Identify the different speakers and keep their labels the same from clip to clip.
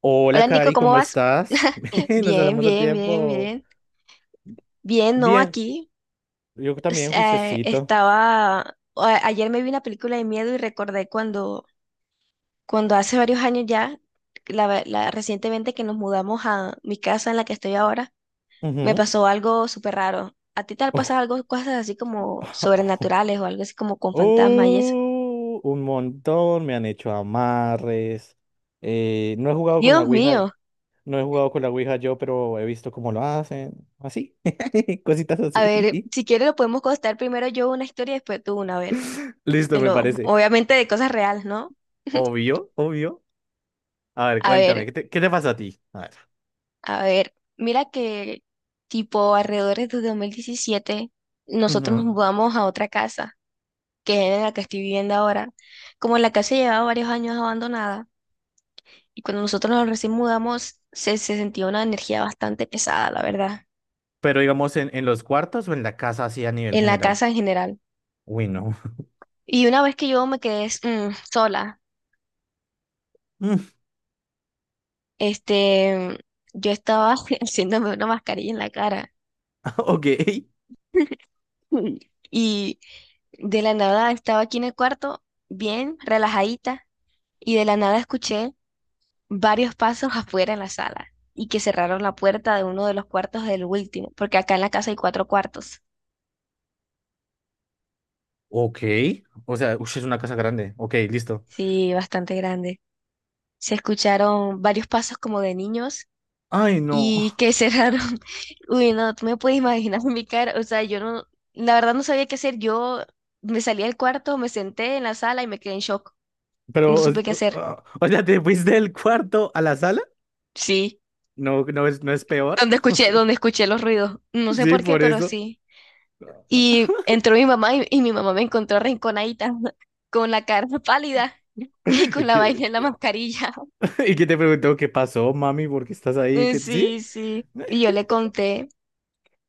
Speaker 1: Hola,
Speaker 2: Hola Nico,
Speaker 1: Cari,
Speaker 2: ¿cómo
Speaker 1: ¿cómo
Speaker 2: vas?
Speaker 1: estás? Nos
Speaker 2: Bien,
Speaker 1: hablamos al
Speaker 2: bien, bien,
Speaker 1: tiempo.
Speaker 2: bien. Bien, no,
Speaker 1: Bien,
Speaker 2: aquí
Speaker 1: yo también, juiciosito.
Speaker 2: estaba, ayer me vi una película de miedo y recordé cuando, cuando hace varios años ya, recientemente que nos mudamos a mi casa en la que estoy ahora, me
Speaker 1: Ujú.
Speaker 2: pasó algo súper raro. ¿A ti te ha pasado algo, cosas así como sobrenaturales o algo así como con fantasmas y eso?
Speaker 1: Oh, un montón, me han hecho amarres. No he jugado con la
Speaker 2: Dios
Speaker 1: Ouija,
Speaker 2: mío.
Speaker 1: no he jugado con la Ouija yo, pero he visto cómo lo hacen. Así, cositas
Speaker 2: A ver,
Speaker 1: así.
Speaker 2: si quieres lo podemos contar primero yo una historia y después tú una, a ver.
Speaker 1: Listo,
Speaker 2: Te
Speaker 1: me
Speaker 2: lo,
Speaker 1: parece.
Speaker 2: obviamente de cosas reales, ¿no?
Speaker 1: Obvio, obvio. A ver,
Speaker 2: A
Speaker 1: cuéntame,
Speaker 2: ver.
Speaker 1: qué te pasa a ti? A ver.
Speaker 2: A ver, mira que tipo alrededor de 2017 nosotros nos
Speaker 1: Ujú.
Speaker 2: mudamos a otra casa, que es en la que estoy viviendo ahora. Como la casa llevaba varios años abandonada y cuando nosotros nos recién mudamos se sentía una energía bastante pesada, la verdad,
Speaker 1: Pero digamos, en los cuartos o en la casa así a nivel
Speaker 2: en la
Speaker 1: general.
Speaker 2: casa en general.
Speaker 1: Uy, no.
Speaker 2: Y una vez que yo me quedé sola,
Speaker 1: Mm,
Speaker 2: este, yo estaba haciéndome una mascarilla en la cara.
Speaker 1: Ok.
Speaker 2: Y de la nada estaba aquí en el cuarto, bien relajadita, y de la nada escuché varios pasos afuera en la sala y que cerraron la puerta de uno de los cuartos del último, porque acá en la casa hay cuatro cuartos,
Speaker 1: Ok. O sea, ush, es una casa grande. Ok, listo.
Speaker 2: sí, bastante grande. Se escucharon varios pasos como de niños
Speaker 1: Ay, no.
Speaker 2: y que cerraron. Uy, no, tú me puedes imaginar mi cara, o sea, yo no, la verdad no sabía qué hacer, yo me salí del cuarto, me senté en la sala y me quedé en shock,
Speaker 1: Pero,
Speaker 2: no supe qué hacer,
Speaker 1: o sea, ¿te fuiste del cuarto a la sala?
Speaker 2: sí.
Speaker 1: No, no es peor.
Speaker 2: Donde escuché los ruidos. No
Speaker 1: O sea,
Speaker 2: sé
Speaker 1: sí,
Speaker 2: por qué,
Speaker 1: por
Speaker 2: pero
Speaker 1: eso.
Speaker 2: sí. Y entró mi mamá y mi mamá me encontró arrinconadita, con la cara pálida y
Speaker 1: ¿Y
Speaker 2: con la
Speaker 1: qué
Speaker 2: vaina en la mascarilla.
Speaker 1: y qué te preguntó qué pasó, mami? ¿Por qué estás ahí? ¿Qué, sí?
Speaker 2: Sí, sí. Y yo le conté.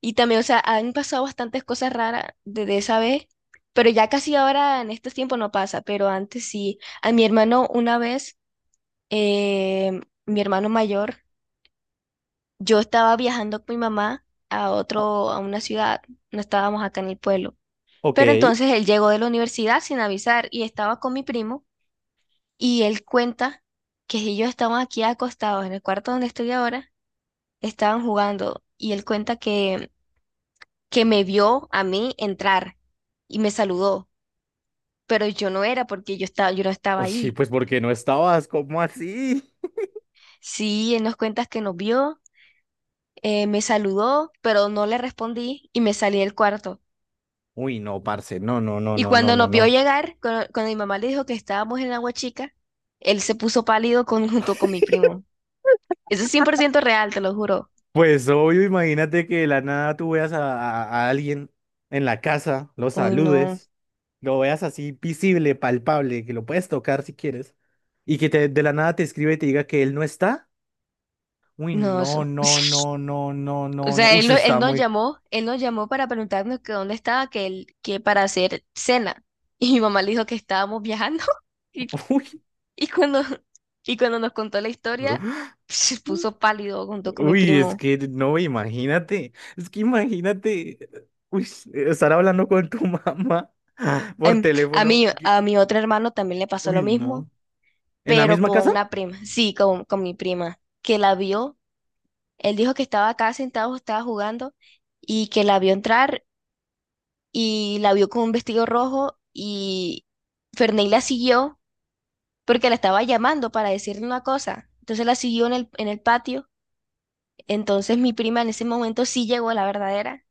Speaker 2: Y también, o sea, han pasado bastantes cosas raras desde esa vez, pero ya casi ahora en estos tiempos no pasa, pero antes sí. A mi hermano una vez, eh, mi hermano mayor, yo estaba viajando con mi mamá a otro, a una ciudad, no estábamos acá en el pueblo.
Speaker 1: Ok.
Speaker 2: Pero entonces él llegó de la universidad sin avisar y estaba con mi primo. Y él cuenta que si yo estamos aquí acostados en el cuarto donde estoy ahora, estaban jugando y él cuenta que me vio a mí entrar y me saludó, pero yo no era porque yo no estaba
Speaker 1: Uy, sí,
Speaker 2: ahí.
Speaker 1: pues porque no estabas, ¿cómo así?
Speaker 2: Sí, él nos cuenta que nos vio, me saludó, pero no le respondí y me salí del cuarto.
Speaker 1: Uy, no, parce, no, no, no,
Speaker 2: Y
Speaker 1: no, no,
Speaker 2: cuando
Speaker 1: no,
Speaker 2: nos vio
Speaker 1: no.
Speaker 2: llegar, cuando mi mamá le dijo que estábamos en Agua Chica, él se puso pálido con, junto con mi primo. Eso es 100% real, te lo juro.
Speaker 1: Pues obvio, imagínate que de la nada tú veas a, a alguien en la casa, lo
Speaker 2: Uy, no,
Speaker 1: saludes, lo veas así visible, palpable, que lo puedes tocar si quieres, y que te, de la nada te escribe y te diga que él no está. Uy,
Speaker 2: no, eso.
Speaker 1: no, no, no, no, no,
Speaker 2: O
Speaker 1: no, no.
Speaker 2: sea,
Speaker 1: Uy,
Speaker 2: él,
Speaker 1: eso
Speaker 2: no-
Speaker 1: está muy...
Speaker 2: él nos llamó para preguntarnos que dónde estaba, que él, que para hacer cena. Y mi mamá le dijo que estábamos viajando. Y, y cuando, y cuando nos contó la historia,
Speaker 1: Uy.
Speaker 2: se puso pálido junto con mi
Speaker 1: Uy, es
Speaker 2: primo.
Speaker 1: que no, imagínate, es que imagínate, uy, estar hablando con tu mamá por
Speaker 2: A
Speaker 1: teléfono.
Speaker 2: mí,
Speaker 1: Que-
Speaker 2: a mi otro hermano también le pasó lo
Speaker 1: Uy,
Speaker 2: mismo,
Speaker 1: no. ¿En la
Speaker 2: pero
Speaker 1: misma
Speaker 2: con
Speaker 1: casa?
Speaker 2: una prima. Sí, con mi prima, que la vio. Él dijo que estaba acá sentado, estaba jugando, y que la vio entrar, y la vio con un vestido rojo, y Ferney la siguió porque la estaba llamando para decirle una cosa. Entonces la siguió en en el patio. Entonces mi prima en ese momento sí llegó a la verdadera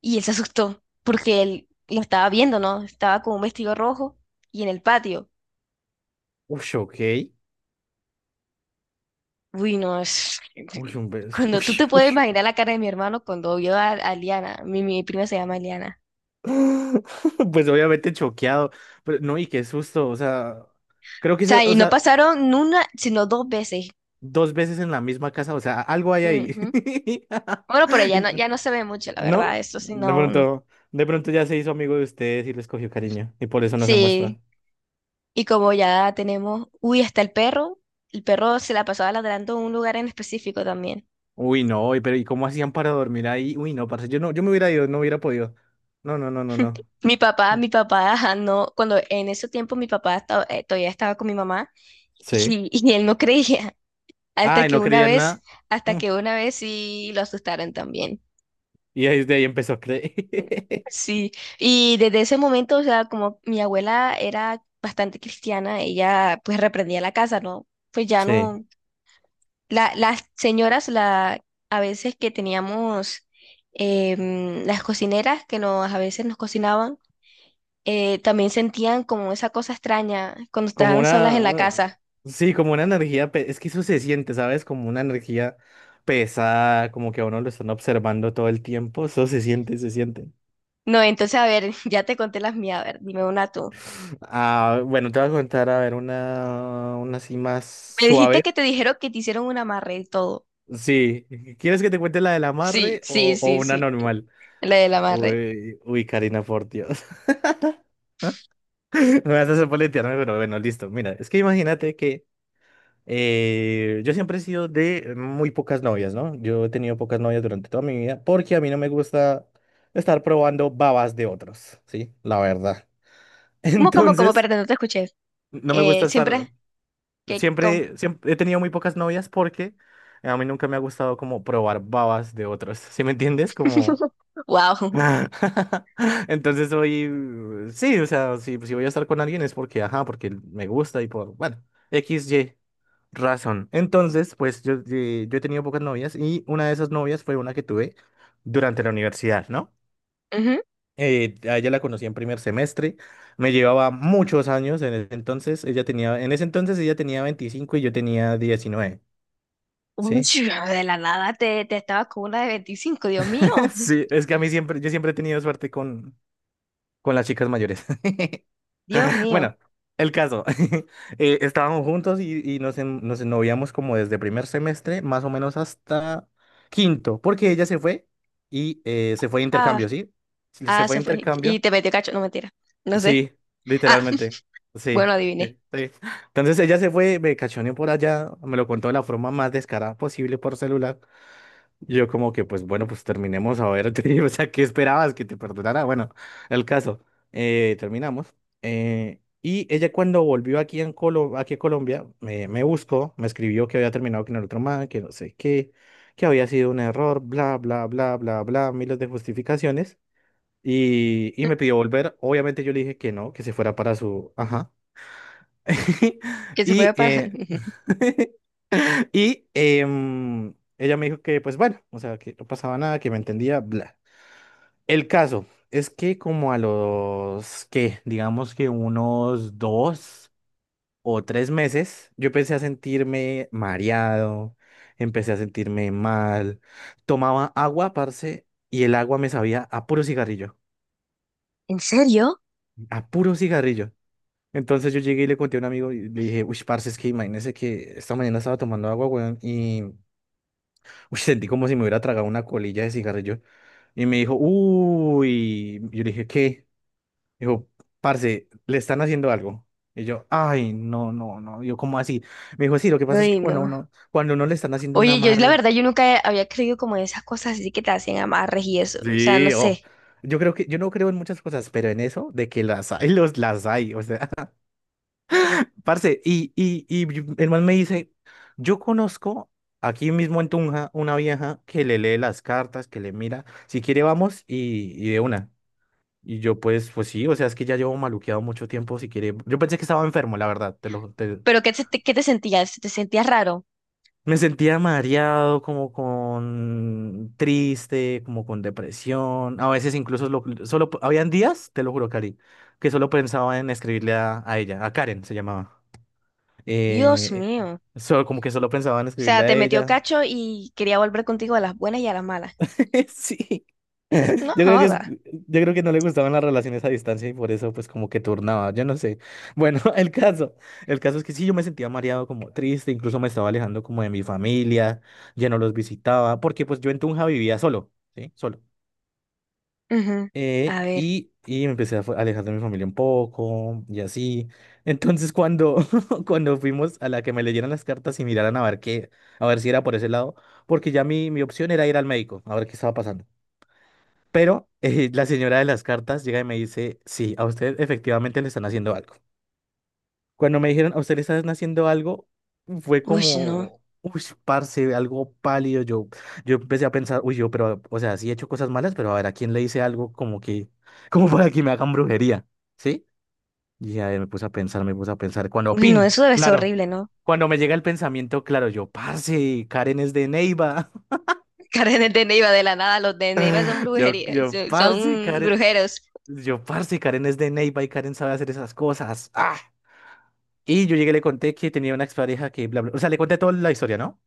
Speaker 2: y él se asustó porque él lo estaba viendo, ¿no? Estaba con un vestido rojo y en el patio.
Speaker 1: Uy, ok.
Speaker 2: Uy, no, es... Cuando
Speaker 1: Uy,
Speaker 2: tú te puedes
Speaker 1: uy.
Speaker 2: imaginar la cara de mi hermano cuando vio a Liana, mi prima se llama Liana.
Speaker 1: Pues obviamente choqueado. Pero, no, y qué susto. O sea, creo
Speaker 2: O
Speaker 1: que esa,
Speaker 2: sea, y
Speaker 1: o
Speaker 2: no
Speaker 1: sea,
Speaker 2: pasaron ni una, sino dos veces.
Speaker 1: dos veces en la misma casa, o sea, algo hay ahí.
Speaker 2: Ujú. Bueno, pero ya no, ya no se ve mucho, la
Speaker 1: ¿No?
Speaker 2: verdad, eso sí, no. No.
Speaker 1: De pronto ya se hizo amigo de ustedes y les cogió cariño y por eso no se
Speaker 2: Sí,
Speaker 1: muestra.
Speaker 2: y como ya tenemos, uy, hasta el perro se la pasaba ladrando en un lugar en específico también.
Speaker 1: Uy, no, y pero ¿y cómo hacían para dormir ahí? Uy, no, parce, yo no, yo me hubiera ido, no hubiera podido. No, no, no, no, no.
Speaker 2: Mi papá, ajá, no, cuando en ese tiempo todavía estaba con mi mamá
Speaker 1: Sí.
Speaker 2: y él no creía, hasta
Speaker 1: Ay,
Speaker 2: que
Speaker 1: no
Speaker 2: una
Speaker 1: creía en
Speaker 2: vez,
Speaker 1: nada.
Speaker 2: hasta
Speaker 1: Mm.
Speaker 2: que una vez sí lo asustaron también.
Speaker 1: Y ahí desde ahí empezó a creer.
Speaker 2: Sí, y desde ese momento, o sea, como mi abuela era bastante cristiana, ella pues reprendía la casa, ¿no? Pues ya
Speaker 1: Sí.
Speaker 2: no, las señoras, a veces que teníamos las cocineras que nos, a veces nos cocinaban, también sentían como esa cosa extraña cuando
Speaker 1: Como
Speaker 2: estaban solas en la
Speaker 1: una,
Speaker 2: casa.
Speaker 1: sí, como una energía, pe- es que eso se siente, ¿sabes? Como una energía pesada, como que a uno lo están observando todo el tiempo, eso se siente, se siente.
Speaker 2: No, entonces, a ver, ya te conté las mías, a ver, dime una tú.
Speaker 1: Ah, bueno, te voy a contar, a ver, una así más
Speaker 2: Me dijiste
Speaker 1: suave.
Speaker 2: que te dijeron que te hicieron un amarre y todo.
Speaker 1: Sí, ¿quieres que te cuente la del
Speaker 2: Sí,
Speaker 1: amarre
Speaker 2: sí,
Speaker 1: o
Speaker 2: sí,
Speaker 1: una
Speaker 2: sí,
Speaker 1: normal?
Speaker 2: la del amarre.
Speaker 1: Uy, uy, Karina, por Dios. Me vas a hacer poletearme, pero bueno, listo. Mira, es que imagínate que yo siempre he sido de muy pocas novias, ¿no? Yo he tenido pocas novias durante toda mi vida porque a mí no me gusta estar probando babas de otros, ¿sí? La verdad.
Speaker 2: ¿Cómo, cómo, cómo?
Speaker 1: Entonces,
Speaker 2: Perdón, no te escuché.
Speaker 1: no me gusta estar,
Speaker 2: Siempre, que cómo.
Speaker 1: siempre he tenido muy pocas novias porque a mí nunca me ha gustado como probar babas de otros, ¿sí me entiendes? Como...
Speaker 2: Wow.
Speaker 1: Entonces soy, sí, o sea, si voy a estar con alguien es porque, ajá, porque me gusta y por, bueno, X, Y razón. Entonces, pues yo, yo he tenido pocas novias y una de esas novias fue una que tuve durante la universidad, ¿no?
Speaker 2: Ujú.
Speaker 1: A ella la conocí en primer semestre, me llevaba muchos años en ese entonces, ella tenía, en ese entonces ella tenía 25 y yo tenía 19
Speaker 2: Uy,
Speaker 1: ¿sí?
Speaker 2: de la nada te estabas con una de 25. Dios mío.
Speaker 1: Sí, es que a mí siempre, yo siempre he tenido suerte con las chicas mayores.
Speaker 2: Dios mío.
Speaker 1: Bueno, el caso. Estábamos juntos y, nos ennoviamos como desde primer semestre, más o menos hasta quinto, porque ella se fue y se fue de
Speaker 2: Ah,
Speaker 1: intercambio, ¿sí? Se
Speaker 2: ah,
Speaker 1: fue de
Speaker 2: se fue. Y
Speaker 1: intercambio.
Speaker 2: te metió cacho. No, mentira. No sé.
Speaker 1: Sí,
Speaker 2: Ah,
Speaker 1: literalmente. Sí,
Speaker 2: bueno,
Speaker 1: sí,
Speaker 2: adiviné.
Speaker 1: sí. Entonces ella se fue, me cachoneó por allá, me lo contó de la forma más descarada posible por celular. Yo como que, pues bueno, pues terminemos a ver, o sea, ¿qué esperabas que te perdonara? Bueno, el caso, terminamos. Y ella cuando volvió aquí, en Colo- aquí a Colombia, me buscó, me escribió que había terminado con el otro man, que no sé qué, que había sido un error, bla, bla, bla, bla, bla, miles de justificaciones. Y me pidió volver, obviamente yo le dije que no, que se fuera para su... Ajá.
Speaker 2: Que se fue
Speaker 1: Y...
Speaker 2: para.
Speaker 1: Y ella me dijo que, pues bueno, o sea, que no pasaba nada, que me entendía, bla. El caso es que como a los, que digamos que unos dos o tres meses, yo empecé a sentirme mareado, empecé a sentirme mal, tomaba agua, parce, y el agua me sabía a puro cigarrillo,
Speaker 2: ¿En serio?
Speaker 1: a puro cigarrillo. Entonces yo llegué y le conté a un amigo y le dije, uy, parce, es que imagínese que esta mañana estaba tomando agua, weón, y Uy, sentí como si me hubiera tragado una colilla de cigarrillo. Y me dijo, uy, yo le dije, ¿qué? Dijo, parce, le están haciendo algo. Y yo, ay, no, no, no. Yo, ¿cómo así? Me dijo, sí, lo que pasa es que
Speaker 2: Ay, no.
Speaker 1: cuando uno le están haciendo un
Speaker 2: Oye, yo la
Speaker 1: amarre.
Speaker 2: verdad, yo nunca había creído como en esas cosas así que te hacían amarres y eso. O sea, no
Speaker 1: Sí, oh.
Speaker 2: sé.
Speaker 1: Yo creo que, yo no creo en muchas cosas, pero en eso de que las hay, los, las hay. O sea, parce, y yo- el man me dice, yo conozco aquí mismo en Tunja una vieja que le lee las cartas, que le mira. Si quiere, vamos y de una. Y yo pues, pues sí, o sea, es que ya llevo maluqueado mucho tiempo, si quiere. Yo pensé que estaba enfermo, la verdad, te lo... te-
Speaker 2: Pero ¿qué te sentías? ¿Te sentías raro?
Speaker 1: Me sentía mareado, como con triste, como con depresión. A veces incluso lo- solo habían días, te lo juro, Cari, que solo pensaba en escribirle a ella, a Karen se llamaba.
Speaker 2: Dios
Speaker 1: Eh,
Speaker 2: mío. O
Speaker 1: solo, como que solo pensaba en escribirle
Speaker 2: sea,
Speaker 1: a
Speaker 2: te metió
Speaker 1: ella.
Speaker 2: cacho y quería volver contigo a las buenas y a las malas.
Speaker 1: Sí.
Speaker 2: No
Speaker 1: Yo creo que es,
Speaker 2: joda.
Speaker 1: yo creo que no le gustaban las relaciones a distancia y por eso pues como que turnaba, yo no sé. Bueno, el caso es que sí, yo me sentía mareado, como triste, incluso me estaba alejando como de mi familia, ya no los visitaba, porque pues yo en Tunja vivía solo, ¿sí? Solo.
Speaker 2: Ujú. A ver.
Speaker 1: Y me empecé a fu- alejar de mi familia un poco y así. Entonces cuando, cuando fuimos a la que me leyeran las cartas y miraran a ver qué, a ver si era por ese lado, porque ya mi opción era ir al médico, a ver qué estaba pasando. Pero la señora de las cartas llega y me dice, sí, a usted efectivamente le están haciendo algo. Cuando me dijeron, a usted le están haciendo algo, fue
Speaker 2: Uy, no.
Speaker 1: como, uy, parce, algo pálido. Yo empecé a pensar, uy, yo, pero, o sea, sí he hecho cosas malas, pero a ver, ¿a quién le hice algo como que, como para que me hagan brujería? ¿Sí? Y ahí me puse a pensar, me puse a pensar. Cuando,
Speaker 2: Uy, no,
Speaker 1: pin,
Speaker 2: eso debe ser
Speaker 1: claro.
Speaker 2: horrible, ¿no?
Speaker 1: Cuando me llega el pensamiento, claro, yo, parce, Karen es de Neiva.
Speaker 2: Karen de Neiva, de la nada, los de Neiva son brujería,
Speaker 1: Yo, parce,
Speaker 2: son
Speaker 1: Karen.
Speaker 2: brujeros.
Speaker 1: Yo, parce, Karen es de Neiva y Karen sabe hacer esas cosas. ¡Ah! Y yo llegué y le conté que tenía una expareja que bla, bla. O sea, le conté toda la historia, ¿no?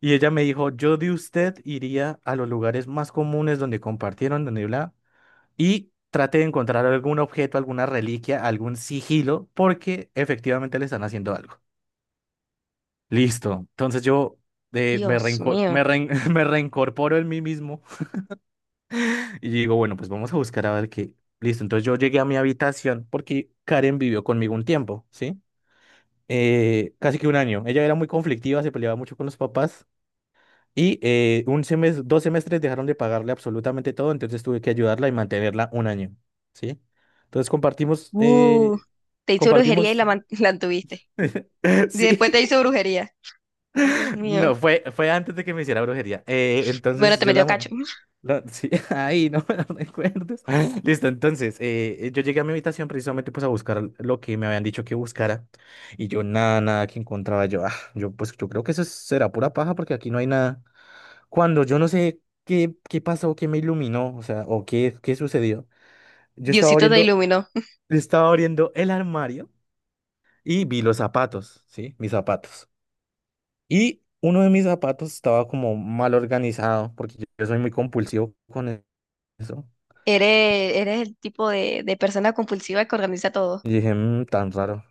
Speaker 1: Y ella me dijo, yo de usted iría a los lugares más comunes donde compartieron, donde bla, y trate de encontrar algún objeto, alguna reliquia, algún sigilo, porque efectivamente le están haciendo algo. Listo. Entonces yo me
Speaker 2: Dios
Speaker 1: reinco-
Speaker 2: mío.
Speaker 1: me rein- me reincorporo en mí mismo Y yo digo, bueno, pues vamos a buscar a ver qué. Listo, entonces yo llegué a mi habitación porque Karen vivió conmigo un tiempo, ¿sí? Casi que un año. Ella era muy conflictiva, se peleaba mucho con los papás y un semestre, dos semestres dejaron de pagarle absolutamente todo, entonces tuve que ayudarla y mantenerla un año, ¿sí? Entonces compartimos,
Speaker 2: Uh, te hizo brujería
Speaker 1: compartimos,
Speaker 2: la tuviste. Después
Speaker 1: sí,
Speaker 2: te hizo brujería. Dios mío.
Speaker 1: No, fue antes de que me hiciera brujería.
Speaker 2: Bueno,
Speaker 1: Entonces
Speaker 2: te
Speaker 1: yo
Speaker 2: metió
Speaker 1: la... mo-
Speaker 2: cacho.
Speaker 1: la- sí, ahí no me lo recuerdes. Listo, entonces yo llegué a mi habitación precisamente pues a buscar lo que me habían dicho que buscara y yo nada, nada que encontraba yo. Ah, yo pues yo creo que eso es- será pura paja porque aquí no hay nada. Cuando yo no sé qué, qué pasó, qué me iluminó, o sea, o qué, qué sucedió, yo estaba
Speaker 2: Diosito te
Speaker 1: abriendo,
Speaker 2: iluminó.
Speaker 1: estaba abriendo el armario y vi los zapatos, ¿sí? Mis zapatos. Y uno de mis zapatos estaba como mal organizado, porque yo soy muy compulsivo con e- eso.
Speaker 2: Eres, eres el tipo de persona compulsiva que organiza todo.
Speaker 1: Y dije, "Mm, tan raro.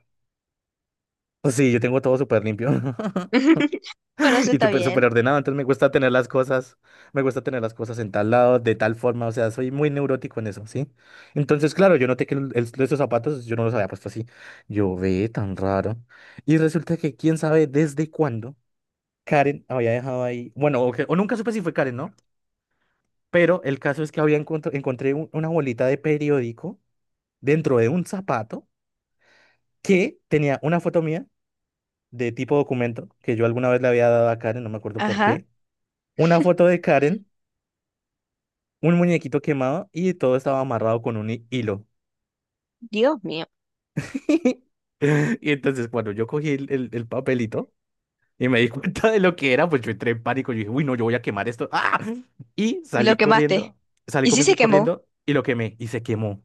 Speaker 1: Pues sí, yo tengo todo súper limpio
Speaker 2: Bueno, eso
Speaker 1: y
Speaker 2: está bien.
Speaker 1: súper ordenado, entonces me gusta tener las cosas, me gusta tener las cosas en tal lado, de tal forma, o sea, soy muy neurótico en eso, ¿sí? Entonces, claro, yo noté que esos zapatos yo no los había puesto así. Yo ve tan raro. Y resulta que quién sabe desde cuándo Karen había dejado ahí, bueno, o nunca supe si fue Karen, ¿no? Pero el caso es que había encontr- encontré un- una bolita de periódico dentro de un zapato que tenía una foto mía de tipo documento que yo alguna vez le había dado a Karen, no me acuerdo por
Speaker 2: Ajá.
Speaker 1: qué. Una foto de Karen, un muñequito quemado y todo estaba amarrado con un hi- hilo.
Speaker 2: Dios mío.
Speaker 1: Y entonces cuando yo cogí el papelito y me di cuenta de lo que era, pues yo entré en pánico. Yo dije, uy, no, yo voy a quemar esto. ¡Ah! Y
Speaker 2: Y
Speaker 1: salí
Speaker 2: lo quemaste.
Speaker 1: corriendo, salí
Speaker 2: ¿Y si se
Speaker 1: comi-
Speaker 2: quemó?
Speaker 1: corriendo y lo quemé y se quemó.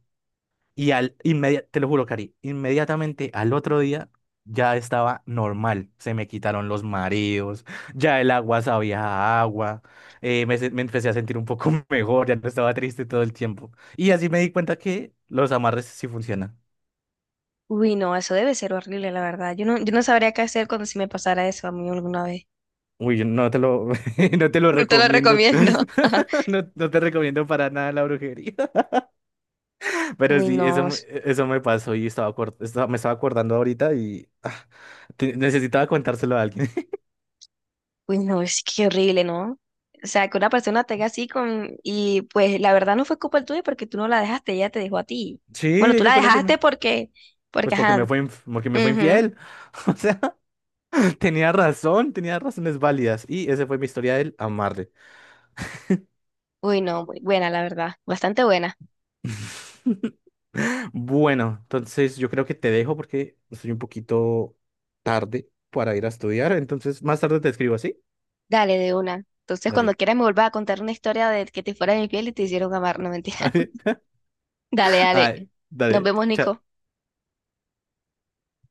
Speaker 1: Y al inmediatamente, te lo juro, Cari, inmediatamente al otro día ya estaba normal. Se me quitaron los mareos, ya el agua sabía a agua, me empecé a sentir un poco mejor, ya no estaba triste todo el tiempo. Y así me di cuenta que los amarres sí funcionan.
Speaker 2: Uy, no, eso debe ser horrible, la verdad. Yo no, yo no sabría qué hacer cuando si me pasara eso a mí alguna vez.
Speaker 1: Uy, no te lo, no te lo
Speaker 2: No te lo
Speaker 1: recomiendo.
Speaker 2: recomiendo.
Speaker 1: No, no te recomiendo para nada la brujería. Pero
Speaker 2: Uy,
Speaker 1: sí,
Speaker 2: no, es-
Speaker 1: eso me pasó y estaba, acor- estaba- me estaba acordando ahorita y ah, te- necesitaba contárselo a alguien.
Speaker 2: Uy, no, es que horrible, ¿no? O sea, que una persona te haga así con... Y pues la verdad no fue culpa tuya porque tú no la dejaste, ella te dejó a ti.
Speaker 1: Sí,
Speaker 2: Bueno, tú
Speaker 1: ella
Speaker 2: la
Speaker 1: fue la que me...
Speaker 2: dejaste porque... Porque,
Speaker 1: Pues porque me
Speaker 2: ajá.
Speaker 1: fue, inf- porque me fue
Speaker 2: Ujú.
Speaker 1: infiel. O sea, tenía razón, tenía razones válidas. Y esa fue mi historia del amarre.
Speaker 2: Uy, no, muy buena, la verdad. Bastante buena.
Speaker 1: Bueno, entonces yo creo que te dejo porque estoy un poquito tarde para ir a estudiar. Entonces, más tarde te escribo, así
Speaker 2: Dale, de una. Entonces, cuando
Speaker 1: Dale.
Speaker 2: quieras me vuelvas a contar una historia de que te fuera de mi piel y te hicieron amar, no mentira. Dale, dale.
Speaker 1: Ay,
Speaker 2: Nos
Speaker 1: dale.
Speaker 2: vemos, Nico.
Speaker 1: Chao.